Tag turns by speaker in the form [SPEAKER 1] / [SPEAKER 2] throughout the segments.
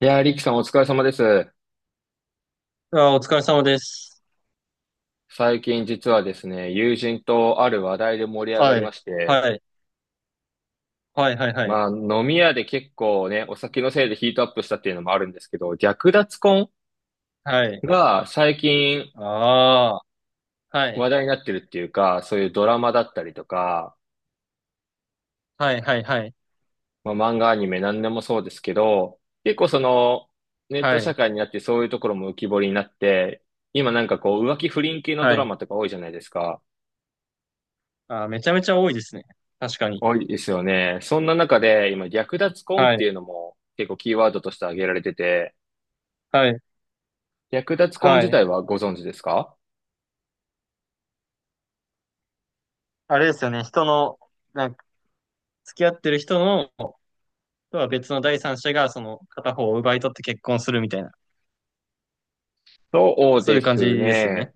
[SPEAKER 1] いやー、リキさんお疲れ様です。
[SPEAKER 2] あー、お疲れ様です。
[SPEAKER 1] 最近実はですね、友人とある話題で盛り上が
[SPEAKER 2] は
[SPEAKER 1] り
[SPEAKER 2] い。
[SPEAKER 1] まして、
[SPEAKER 2] はい。はい、はい、はい。
[SPEAKER 1] まあ飲み屋で結構ね、お酒のせいでヒートアップしたっていうのもあるんですけど、略奪婚
[SPEAKER 2] はい。
[SPEAKER 1] が最近
[SPEAKER 2] ああ、はい。
[SPEAKER 1] 話題になってるっていうか、そういうドラマだったりとか、
[SPEAKER 2] はい、はい、はい。
[SPEAKER 1] まあ漫画アニメ何でもそうですけど、結構そのネット
[SPEAKER 2] は
[SPEAKER 1] 社
[SPEAKER 2] い。
[SPEAKER 1] 会になってそういうところも浮き彫りになって、今なんかこう浮気不倫系のド
[SPEAKER 2] は
[SPEAKER 1] ラ
[SPEAKER 2] い。
[SPEAKER 1] マとか多いじゃないですか。
[SPEAKER 2] ああ、めちゃめちゃ多いですね。確かに。
[SPEAKER 1] 多いですよね。そんな中で、今、略奪婚っ
[SPEAKER 2] は
[SPEAKER 1] て
[SPEAKER 2] い。
[SPEAKER 1] いうのも結構キーワードとして挙げられてて、
[SPEAKER 2] はい。
[SPEAKER 1] 略奪婚
[SPEAKER 2] は
[SPEAKER 1] 自
[SPEAKER 2] い。
[SPEAKER 1] 体はご存知ですか？
[SPEAKER 2] あれですよね。人の、なんか、付き合ってる人の、とは別の第三者が、その、片方を奪い取って結婚するみたいな。
[SPEAKER 1] そう
[SPEAKER 2] そう
[SPEAKER 1] で
[SPEAKER 2] いう感じ
[SPEAKER 1] す
[SPEAKER 2] ですよね。
[SPEAKER 1] ね。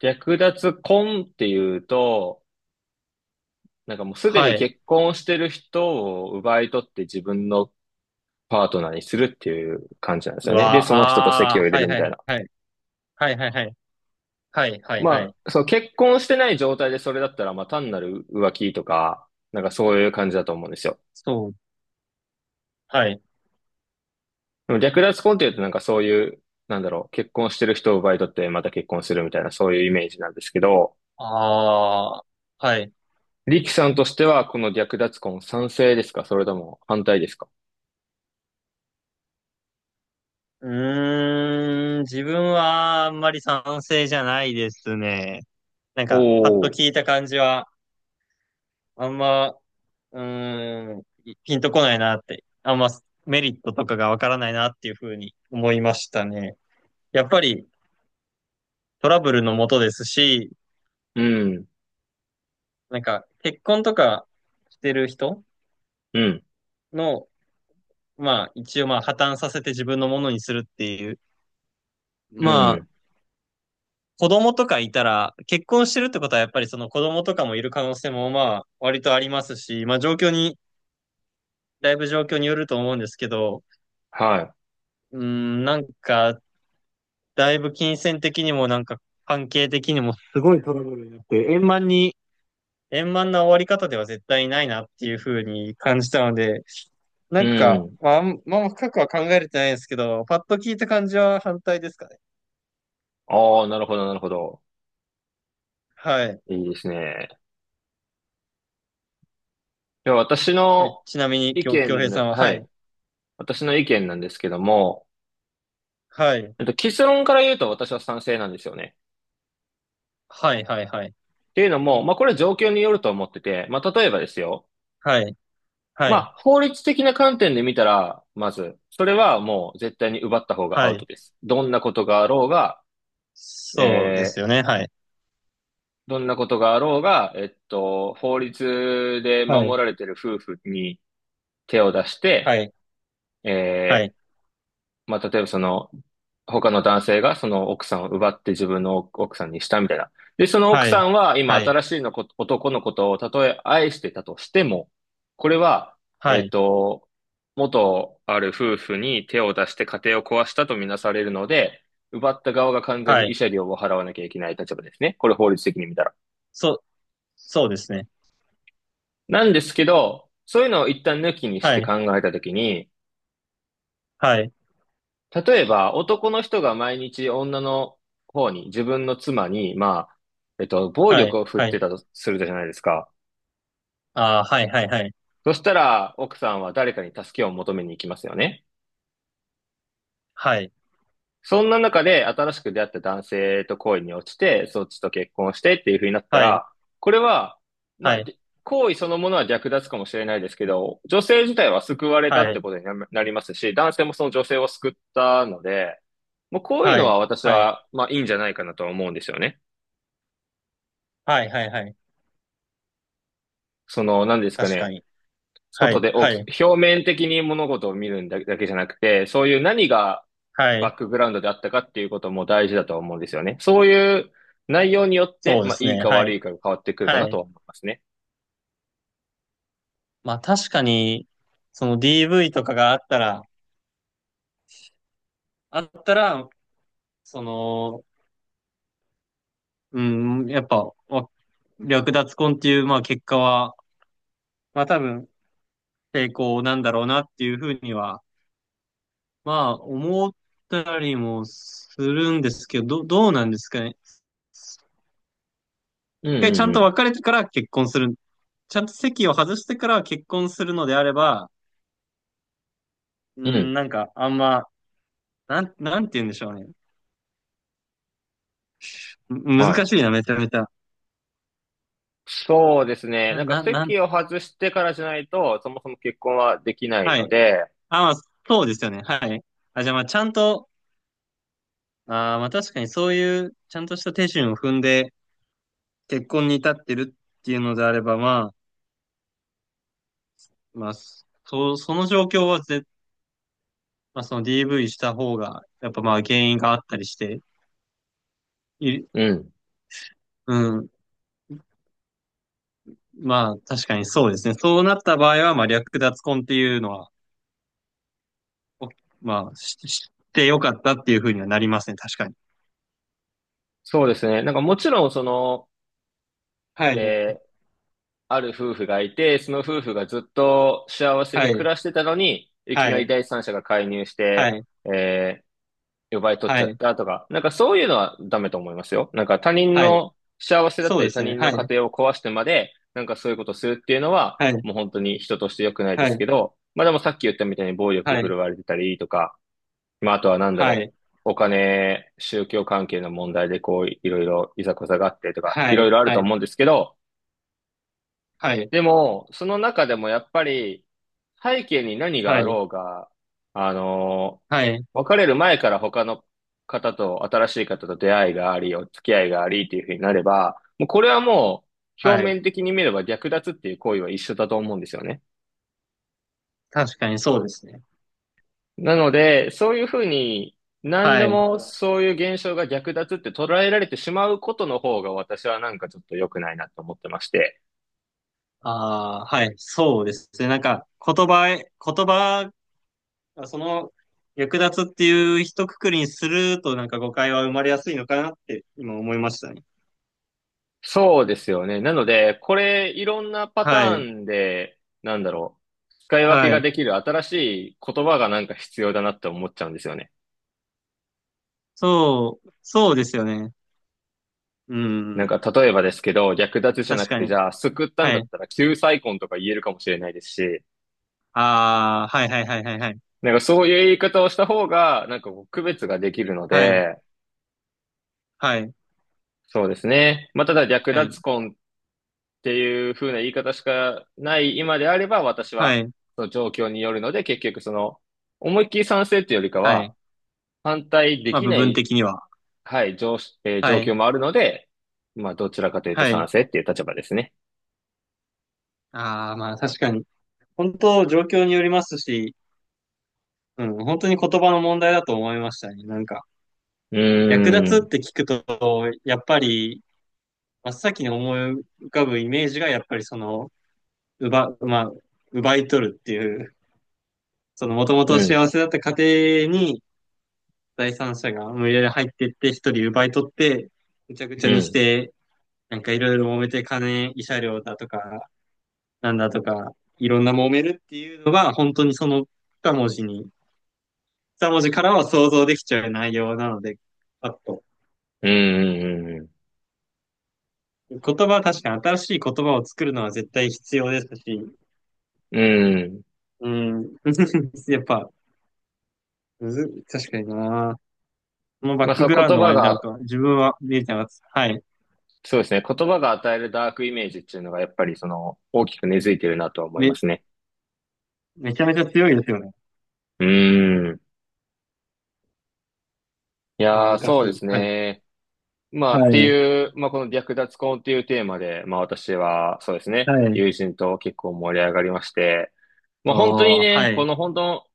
[SPEAKER 1] 略奪婚っていうと、なんかもうすで
[SPEAKER 2] は
[SPEAKER 1] に
[SPEAKER 2] い。
[SPEAKER 1] 結婚してる人を奪い取って自分のパートナーにするっていう感じなんです
[SPEAKER 2] う
[SPEAKER 1] よね。
[SPEAKER 2] わ
[SPEAKER 1] で、その人と
[SPEAKER 2] あ、
[SPEAKER 1] 籍
[SPEAKER 2] あ
[SPEAKER 1] を入
[SPEAKER 2] あ、
[SPEAKER 1] れ
[SPEAKER 2] はい、
[SPEAKER 1] るみ
[SPEAKER 2] は
[SPEAKER 1] たい
[SPEAKER 2] い、
[SPEAKER 1] な。
[SPEAKER 2] はい。はい、はい、はい。はい、はい、は
[SPEAKER 1] ま
[SPEAKER 2] い。
[SPEAKER 1] あ、そう、結婚してない状態でそれだったら、まあ単なる浮気とか、なんかそういう感じだと思うんですよ。
[SPEAKER 2] そう。はい。
[SPEAKER 1] でも略奪婚っていうとなんかそういう、なんだろう、結婚してる人を奪い取ってまた結婚するみたいなそういうイメージなんですけど、
[SPEAKER 2] ああ、はい。
[SPEAKER 1] リキさんとしてはこの略奪婚賛成ですかそれとも反対ですか？
[SPEAKER 2] うーん、自分はあんまり賛成じゃないですね。なん
[SPEAKER 1] お
[SPEAKER 2] か、パッと
[SPEAKER 1] おー、
[SPEAKER 2] 聞いた感じは、あんま、うーん、ピンとこないなって、あんまメリットとかがわからないなっていうふうに思いましたね。やっぱりトラブルのもとですし、
[SPEAKER 1] うん、
[SPEAKER 2] なんか、結婚とかしてる人
[SPEAKER 1] うん、
[SPEAKER 2] の、まあ、一応まあ、破綻させて自分のものにするっていう、
[SPEAKER 1] う
[SPEAKER 2] まあ、
[SPEAKER 1] ん、
[SPEAKER 2] 子供とかいたら、結婚してるってことはやっぱりその子供とかもいる可能性もまあ割とありますし、まあ状況に、だいぶ状況によると思うんですけど、
[SPEAKER 1] は
[SPEAKER 2] うーん、なんか、だいぶ金銭的にもなんか関係的にもすごいトラブルになって、円満な終わり方では絶対ないなっていうふうに感じたので、な
[SPEAKER 1] い、う
[SPEAKER 2] んか、
[SPEAKER 1] ん。
[SPEAKER 2] まあ、深くは考えれてないんですけど、パッと聞いた感じは反対ですかね。
[SPEAKER 1] ああ、なるほど、なるほど。
[SPEAKER 2] はい。
[SPEAKER 1] いいですね。では私の
[SPEAKER 2] ちなみに、
[SPEAKER 1] 意
[SPEAKER 2] 京平さ
[SPEAKER 1] 見、
[SPEAKER 2] んは、
[SPEAKER 1] は
[SPEAKER 2] はい。
[SPEAKER 1] い。私の意見なんですけども、
[SPEAKER 2] はい。
[SPEAKER 1] 結論から言うと私は賛成なんですよね。
[SPEAKER 2] はい、はい、はい。
[SPEAKER 1] っていうのも、まあ、これは状況によると思ってて、まあ、例えばですよ。
[SPEAKER 2] はい。は
[SPEAKER 1] ま
[SPEAKER 2] い。
[SPEAKER 1] あ、法律的な観点で見たら、まず、それはもう絶対に奪った方がア
[SPEAKER 2] は
[SPEAKER 1] ウ
[SPEAKER 2] い。
[SPEAKER 1] トです。どんなことがあろうが、
[SPEAKER 2] そうで
[SPEAKER 1] え
[SPEAKER 2] す
[SPEAKER 1] ー
[SPEAKER 2] よね。はい。
[SPEAKER 1] どんなことがあろうが、法律で
[SPEAKER 2] は
[SPEAKER 1] 守
[SPEAKER 2] い。
[SPEAKER 1] られている夫婦に手を出し
[SPEAKER 2] は
[SPEAKER 1] て、
[SPEAKER 2] い。は
[SPEAKER 1] え
[SPEAKER 2] い。
[SPEAKER 1] まあ、例えばその、他の男性がその奥さんを奪って自分の奥さんにしたみたいな。で、その奥
[SPEAKER 2] は
[SPEAKER 1] さ
[SPEAKER 2] い。
[SPEAKER 1] んは今
[SPEAKER 2] はい。
[SPEAKER 1] 新しいのこ男のことをたとえ愛してたとしても、これは、
[SPEAKER 2] は
[SPEAKER 1] えっ
[SPEAKER 2] い。
[SPEAKER 1] と、元ある夫婦に手を出して家庭を壊したとみなされるので、奪った側が完全
[SPEAKER 2] は
[SPEAKER 1] に慰
[SPEAKER 2] い。
[SPEAKER 1] 謝料を払わなきゃいけない立場ですね。これ法律的に見たら。
[SPEAKER 2] そう、そうですね。
[SPEAKER 1] なんですけど、そういうのを一旦抜きにし
[SPEAKER 2] は
[SPEAKER 1] て
[SPEAKER 2] い。
[SPEAKER 1] 考えたときに、
[SPEAKER 2] はい。
[SPEAKER 1] 例えば、男の人が毎日女の方に、自分の妻に、まあ、暴
[SPEAKER 2] は
[SPEAKER 1] 力
[SPEAKER 2] い。
[SPEAKER 1] を振っ
[SPEAKER 2] は
[SPEAKER 1] て
[SPEAKER 2] い。
[SPEAKER 1] たとするじゃないですか。
[SPEAKER 2] ああ、はい。はい。はい。
[SPEAKER 1] そしたら、奥さんは誰かに助けを求めに行きますよね。
[SPEAKER 2] はい。
[SPEAKER 1] そんな中で、新しく出会った男性と恋に落ちて、そっちと結婚してっていう風になった
[SPEAKER 2] はい。
[SPEAKER 1] ら、これは、ま
[SPEAKER 2] は
[SPEAKER 1] あ、
[SPEAKER 2] い。
[SPEAKER 1] 行為そのものは略奪かもしれないですけど、女性自体は救われたっ
[SPEAKER 2] は
[SPEAKER 1] てことにななりますし、男性もその女性を救ったので、もうこういうのは
[SPEAKER 2] い。
[SPEAKER 1] 私
[SPEAKER 2] はい。
[SPEAKER 1] は、まあいいんじゃないかなとは思うんですよね。
[SPEAKER 2] はい。はい。はい。はい。
[SPEAKER 1] その、何ですか
[SPEAKER 2] 確か
[SPEAKER 1] ね、
[SPEAKER 2] に。は
[SPEAKER 1] 外
[SPEAKER 2] い。
[SPEAKER 1] で大
[SPEAKER 2] は
[SPEAKER 1] き、
[SPEAKER 2] い。
[SPEAKER 1] 表面的に物事を見るんだだけじゃなくて、そういう何が
[SPEAKER 2] はい。
[SPEAKER 1] バックグラウンドであったかっていうことも大事だと思うんですよね。そういう内容によって、
[SPEAKER 2] そうで
[SPEAKER 1] まあ、
[SPEAKER 2] す
[SPEAKER 1] いい
[SPEAKER 2] ね。
[SPEAKER 1] か
[SPEAKER 2] は
[SPEAKER 1] 悪
[SPEAKER 2] い。
[SPEAKER 1] いかが変わってくるかな
[SPEAKER 2] は
[SPEAKER 1] と
[SPEAKER 2] い。
[SPEAKER 1] は思いますね。
[SPEAKER 2] まあ確かに、その DV とかがあったら、あったら、その、うん、やっぱ、略奪婚っていう、まあ結果は、まあ多分、成功なんだろうなっていうふうには、まあ思ったりもするんですけど、どうなんですかね。
[SPEAKER 1] うん
[SPEAKER 2] 一回ちゃ
[SPEAKER 1] う
[SPEAKER 2] ん
[SPEAKER 1] ん
[SPEAKER 2] と
[SPEAKER 1] う
[SPEAKER 2] 別れてから結婚する。ちゃんと席を外してから結婚するのであれば、うー
[SPEAKER 1] ん。う
[SPEAKER 2] ん、
[SPEAKER 1] ん。
[SPEAKER 2] なんかなんて言うんでしょうね。
[SPEAKER 1] は
[SPEAKER 2] 難
[SPEAKER 1] い。
[SPEAKER 2] しいな、めちゃめちゃ。
[SPEAKER 1] そうですね。
[SPEAKER 2] な、
[SPEAKER 1] なんか
[SPEAKER 2] な、なん、
[SPEAKER 1] 席を外してからじゃないと、そもそも結婚はできない
[SPEAKER 2] は
[SPEAKER 1] の
[SPEAKER 2] い。
[SPEAKER 1] で、
[SPEAKER 2] あ、まあ、そうですよね。はい。あ、じゃあまあちゃんと、まあ確かにそういうちゃんとした手順を踏んで結婚に至ってるっていうのであれば、まあ、まあ、その状況はまあ、その DV した方が、やっぱまあ原因があったりして、い、
[SPEAKER 1] うん。
[SPEAKER 2] うん、まあ確かにそうですね。そうなった場合は、まあ略奪婚っていうのは、おまあ知ってよかったっていうふうにはなりますね。確かに。
[SPEAKER 1] そうですね。なんかもちろん、その、
[SPEAKER 2] はい、
[SPEAKER 1] えーある夫婦がいて、その夫婦がずっと幸せ
[SPEAKER 2] は
[SPEAKER 1] に暮
[SPEAKER 2] い、
[SPEAKER 1] らしてたのに、いき
[SPEAKER 2] は
[SPEAKER 1] なり
[SPEAKER 2] い、
[SPEAKER 1] 第三者が介入し
[SPEAKER 2] は
[SPEAKER 1] て、
[SPEAKER 2] い、
[SPEAKER 1] え奪い取っ
[SPEAKER 2] は
[SPEAKER 1] ちゃっ
[SPEAKER 2] い、
[SPEAKER 1] たとか、なんかそういうのはダメと思いますよ。なんか他人
[SPEAKER 2] はい。
[SPEAKER 1] の幸せだっ
[SPEAKER 2] そ
[SPEAKER 1] た
[SPEAKER 2] うで
[SPEAKER 1] り他
[SPEAKER 2] すね。
[SPEAKER 1] 人の
[SPEAKER 2] は
[SPEAKER 1] 家
[SPEAKER 2] い、
[SPEAKER 1] 庭を壊してまで、なんかそういうことするっていうのは、
[SPEAKER 2] はい、
[SPEAKER 1] もう本当に人として良くないで
[SPEAKER 2] は
[SPEAKER 1] す
[SPEAKER 2] い、
[SPEAKER 1] けど、まあでもさっき言ったみたいに暴力
[SPEAKER 2] は
[SPEAKER 1] 振
[SPEAKER 2] い、
[SPEAKER 1] るわれてたりとか、まああとはなんだ
[SPEAKER 2] は
[SPEAKER 1] ろ
[SPEAKER 2] い、
[SPEAKER 1] う、お金、宗教関係の問題でこういろいろいざこざがあってとか、
[SPEAKER 2] は
[SPEAKER 1] いろい
[SPEAKER 2] い、
[SPEAKER 1] ろあると思うんですけど、
[SPEAKER 2] はい、
[SPEAKER 1] でも、その中でもやっぱり、背景に何が
[SPEAKER 2] は
[SPEAKER 1] あ
[SPEAKER 2] い、はい、
[SPEAKER 1] ろうが、あのー
[SPEAKER 2] はい、
[SPEAKER 1] 別れる前から他の方と、新しい方と出会いがあり、お付き合いがありっていうふうになれば、もうこれは、表
[SPEAKER 2] はい。
[SPEAKER 1] 面的に見れば略奪っていう行為は一緒だと思うんですよね。
[SPEAKER 2] 確かにそうですね。
[SPEAKER 1] なので、そういうふうに、何
[SPEAKER 2] は
[SPEAKER 1] で
[SPEAKER 2] い。
[SPEAKER 1] もそういう現象が略奪って捉えられてしまうことの方が私はなんかちょっと良くないなと思ってまして。
[SPEAKER 2] ああ、はい、そうですね。なんか、言葉、その、略奪っていう一括りにすると、なんか誤解は生まれやすいのかなって今思いましたね。
[SPEAKER 1] そうですよね。なので、これ、いろんなパ
[SPEAKER 2] は
[SPEAKER 1] ター
[SPEAKER 2] い、
[SPEAKER 1] ンで、なんだろう、使い分け
[SPEAKER 2] は
[SPEAKER 1] が
[SPEAKER 2] い。
[SPEAKER 1] できる新しい言葉がなんか必要だなって思っちゃうんですよね。
[SPEAKER 2] そうですよね。う
[SPEAKER 1] なん
[SPEAKER 2] ん、
[SPEAKER 1] か、例えばですけど、略奪じゃ
[SPEAKER 2] 確
[SPEAKER 1] なく
[SPEAKER 2] か
[SPEAKER 1] て、じ
[SPEAKER 2] に。
[SPEAKER 1] ゃあ、救ったん
[SPEAKER 2] は
[SPEAKER 1] だっ
[SPEAKER 2] い。
[SPEAKER 1] たら、救済婚とか言えるかもしれないですし、
[SPEAKER 2] ああ、はいはいはいはいはい。
[SPEAKER 1] なんかそういう言い方をした方が、なんかこう区別ができるの
[SPEAKER 2] はい、
[SPEAKER 1] で、
[SPEAKER 2] はい、
[SPEAKER 1] そうですね。まあ、ただ、略
[SPEAKER 2] はい、
[SPEAKER 1] 奪婚っていう風な言い方しかない今であれば、私
[SPEAKER 2] は
[SPEAKER 1] は、
[SPEAKER 2] い、
[SPEAKER 1] その状況によるので、結局その、思いっきり賛成っていうよりか
[SPEAKER 2] は
[SPEAKER 1] は、
[SPEAKER 2] い。
[SPEAKER 1] 反対で
[SPEAKER 2] まあ、
[SPEAKER 1] き
[SPEAKER 2] 部
[SPEAKER 1] な
[SPEAKER 2] 分
[SPEAKER 1] い、
[SPEAKER 2] 的には。
[SPEAKER 1] はい、状し、
[SPEAKER 2] は
[SPEAKER 1] 状況
[SPEAKER 2] い、
[SPEAKER 1] もあるので、まあ、どちらかというと
[SPEAKER 2] は
[SPEAKER 1] 賛
[SPEAKER 2] い。
[SPEAKER 1] 成っていう立場ですね。
[SPEAKER 2] ああ、まあ、確かに。本当、状況によりますし、うん、本当に言葉の問題だと思いましたね。なんか。
[SPEAKER 1] う
[SPEAKER 2] 略
[SPEAKER 1] ー
[SPEAKER 2] 奪っ
[SPEAKER 1] ん、
[SPEAKER 2] て聞くと、やっぱり、真っ先に思い浮かぶイメージが、やっぱりその、まあ、奪い取るっていう、その、もともと
[SPEAKER 1] うん、
[SPEAKER 2] 幸せだった家庭に、第三者が無理やり入っていって、一人奪い取って、ぐちゃぐちゃ
[SPEAKER 1] う
[SPEAKER 2] にし
[SPEAKER 1] ん、
[SPEAKER 2] て、なんかいろいろ揉めて、金、慰謝料だとか、なんだとか、いろんな揉めるっていうのが、本当にその二文字に、二文字からは想像できちゃう内容なので、パッと
[SPEAKER 1] うん、うん、
[SPEAKER 2] 言葉は確かに新しい言葉を作るのは絶対必要ですし、
[SPEAKER 1] うん。
[SPEAKER 2] うん。やっぱ、むず、確かにな。そのバッ
[SPEAKER 1] まあ、
[SPEAKER 2] ク
[SPEAKER 1] その
[SPEAKER 2] グラウン
[SPEAKER 1] 言
[SPEAKER 2] ド
[SPEAKER 1] 葉
[SPEAKER 2] はなん
[SPEAKER 1] が、
[SPEAKER 2] か、自分は、みゆちゃんが、はい。
[SPEAKER 1] そうですね、言葉が与えるダークイメージっていうのが、やっぱりその、大きく根付いてるなとは思いま
[SPEAKER 2] め、
[SPEAKER 1] すね。
[SPEAKER 2] めちゃめちゃ強いですよね。
[SPEAKER 1] うーん。いやー、
[SPEAKER 2] 難
[SPEAKER 1] そう
[SPEAKER 2] し
[SPEAKER 1] で
[SPEAKER 2] い。
[SPEAKER 1] す
[SPEAKER 2] はい。
[SPEAKER 1] ね。まあ、っ
[SPEAKER 2] は
[SPEAKER 1] て
[SPEAKER 2] い。
[SPEAKER 1] いう、まあ、この略奪婚っていうテーマで、まあ、私は、そうですね、
[SPEAKER 2] はい。
[SPEAKER 1] 友人と結構盛り上がりまして、も
[SPEAKER 2] あ
[SPEAKER 1] う本当に
[SPEAKER 2] あ、は
[SPEAKER 1] ね、こ
[SPEAKER 2] い。
[SPEAKER 1] の本当、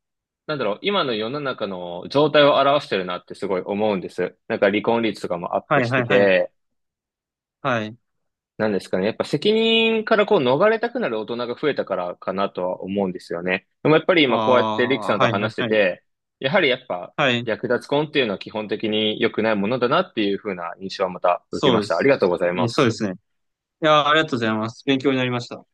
[SPEAKER 1] なんだろう、今の世の中の状態を表してるなってすごい思うんです。なんか離婚率とかもアッ
[SPEAKER 2] は
[SPEAKER 1] プ
[SPEAKER 2] い
[SPEAKER 1] し
[SPEAKER 2] はい
[SPEAKER 1] て
[SPEAKER 2] はい。
[SPEAKER 1] て、
[SPEAKER 2] はい。
[SPEAKER 1] なんですかね、やっぱ責任からこう逃れたくなる大人が増えたからかなとは思うんですよね。でもやっぱり
[SPEAKER 2] あ
[SPEAKER 1] 今こうやってリキ
[SPEAKER 2] あ、
[SPEAKER 1] さんと
[SPEAKER 2] はいはい
[SPEAKER 1] 話して
[SPEAKER 2] はい。
[SPEAKER 1] て、やはりやっぱ
[SPEAKER 2] はい。
[SPEAKER 1] 略奪婚っていうのは基本的に良くないものだなっていう風な印象はまた受け
[SPEAKER 2] そう
[SPEAKER 1] ま
[SPEAKER 2] で
[SPEAKER 1] した。あり
[SPEAKER 2] す。
[SPEAKER 1] がとうございま
[SPEAKER 2] そう
[SPEAKER 1] す。
[SPEAKER 2] ですね。いやー、ありがとうございます。勉強になりました。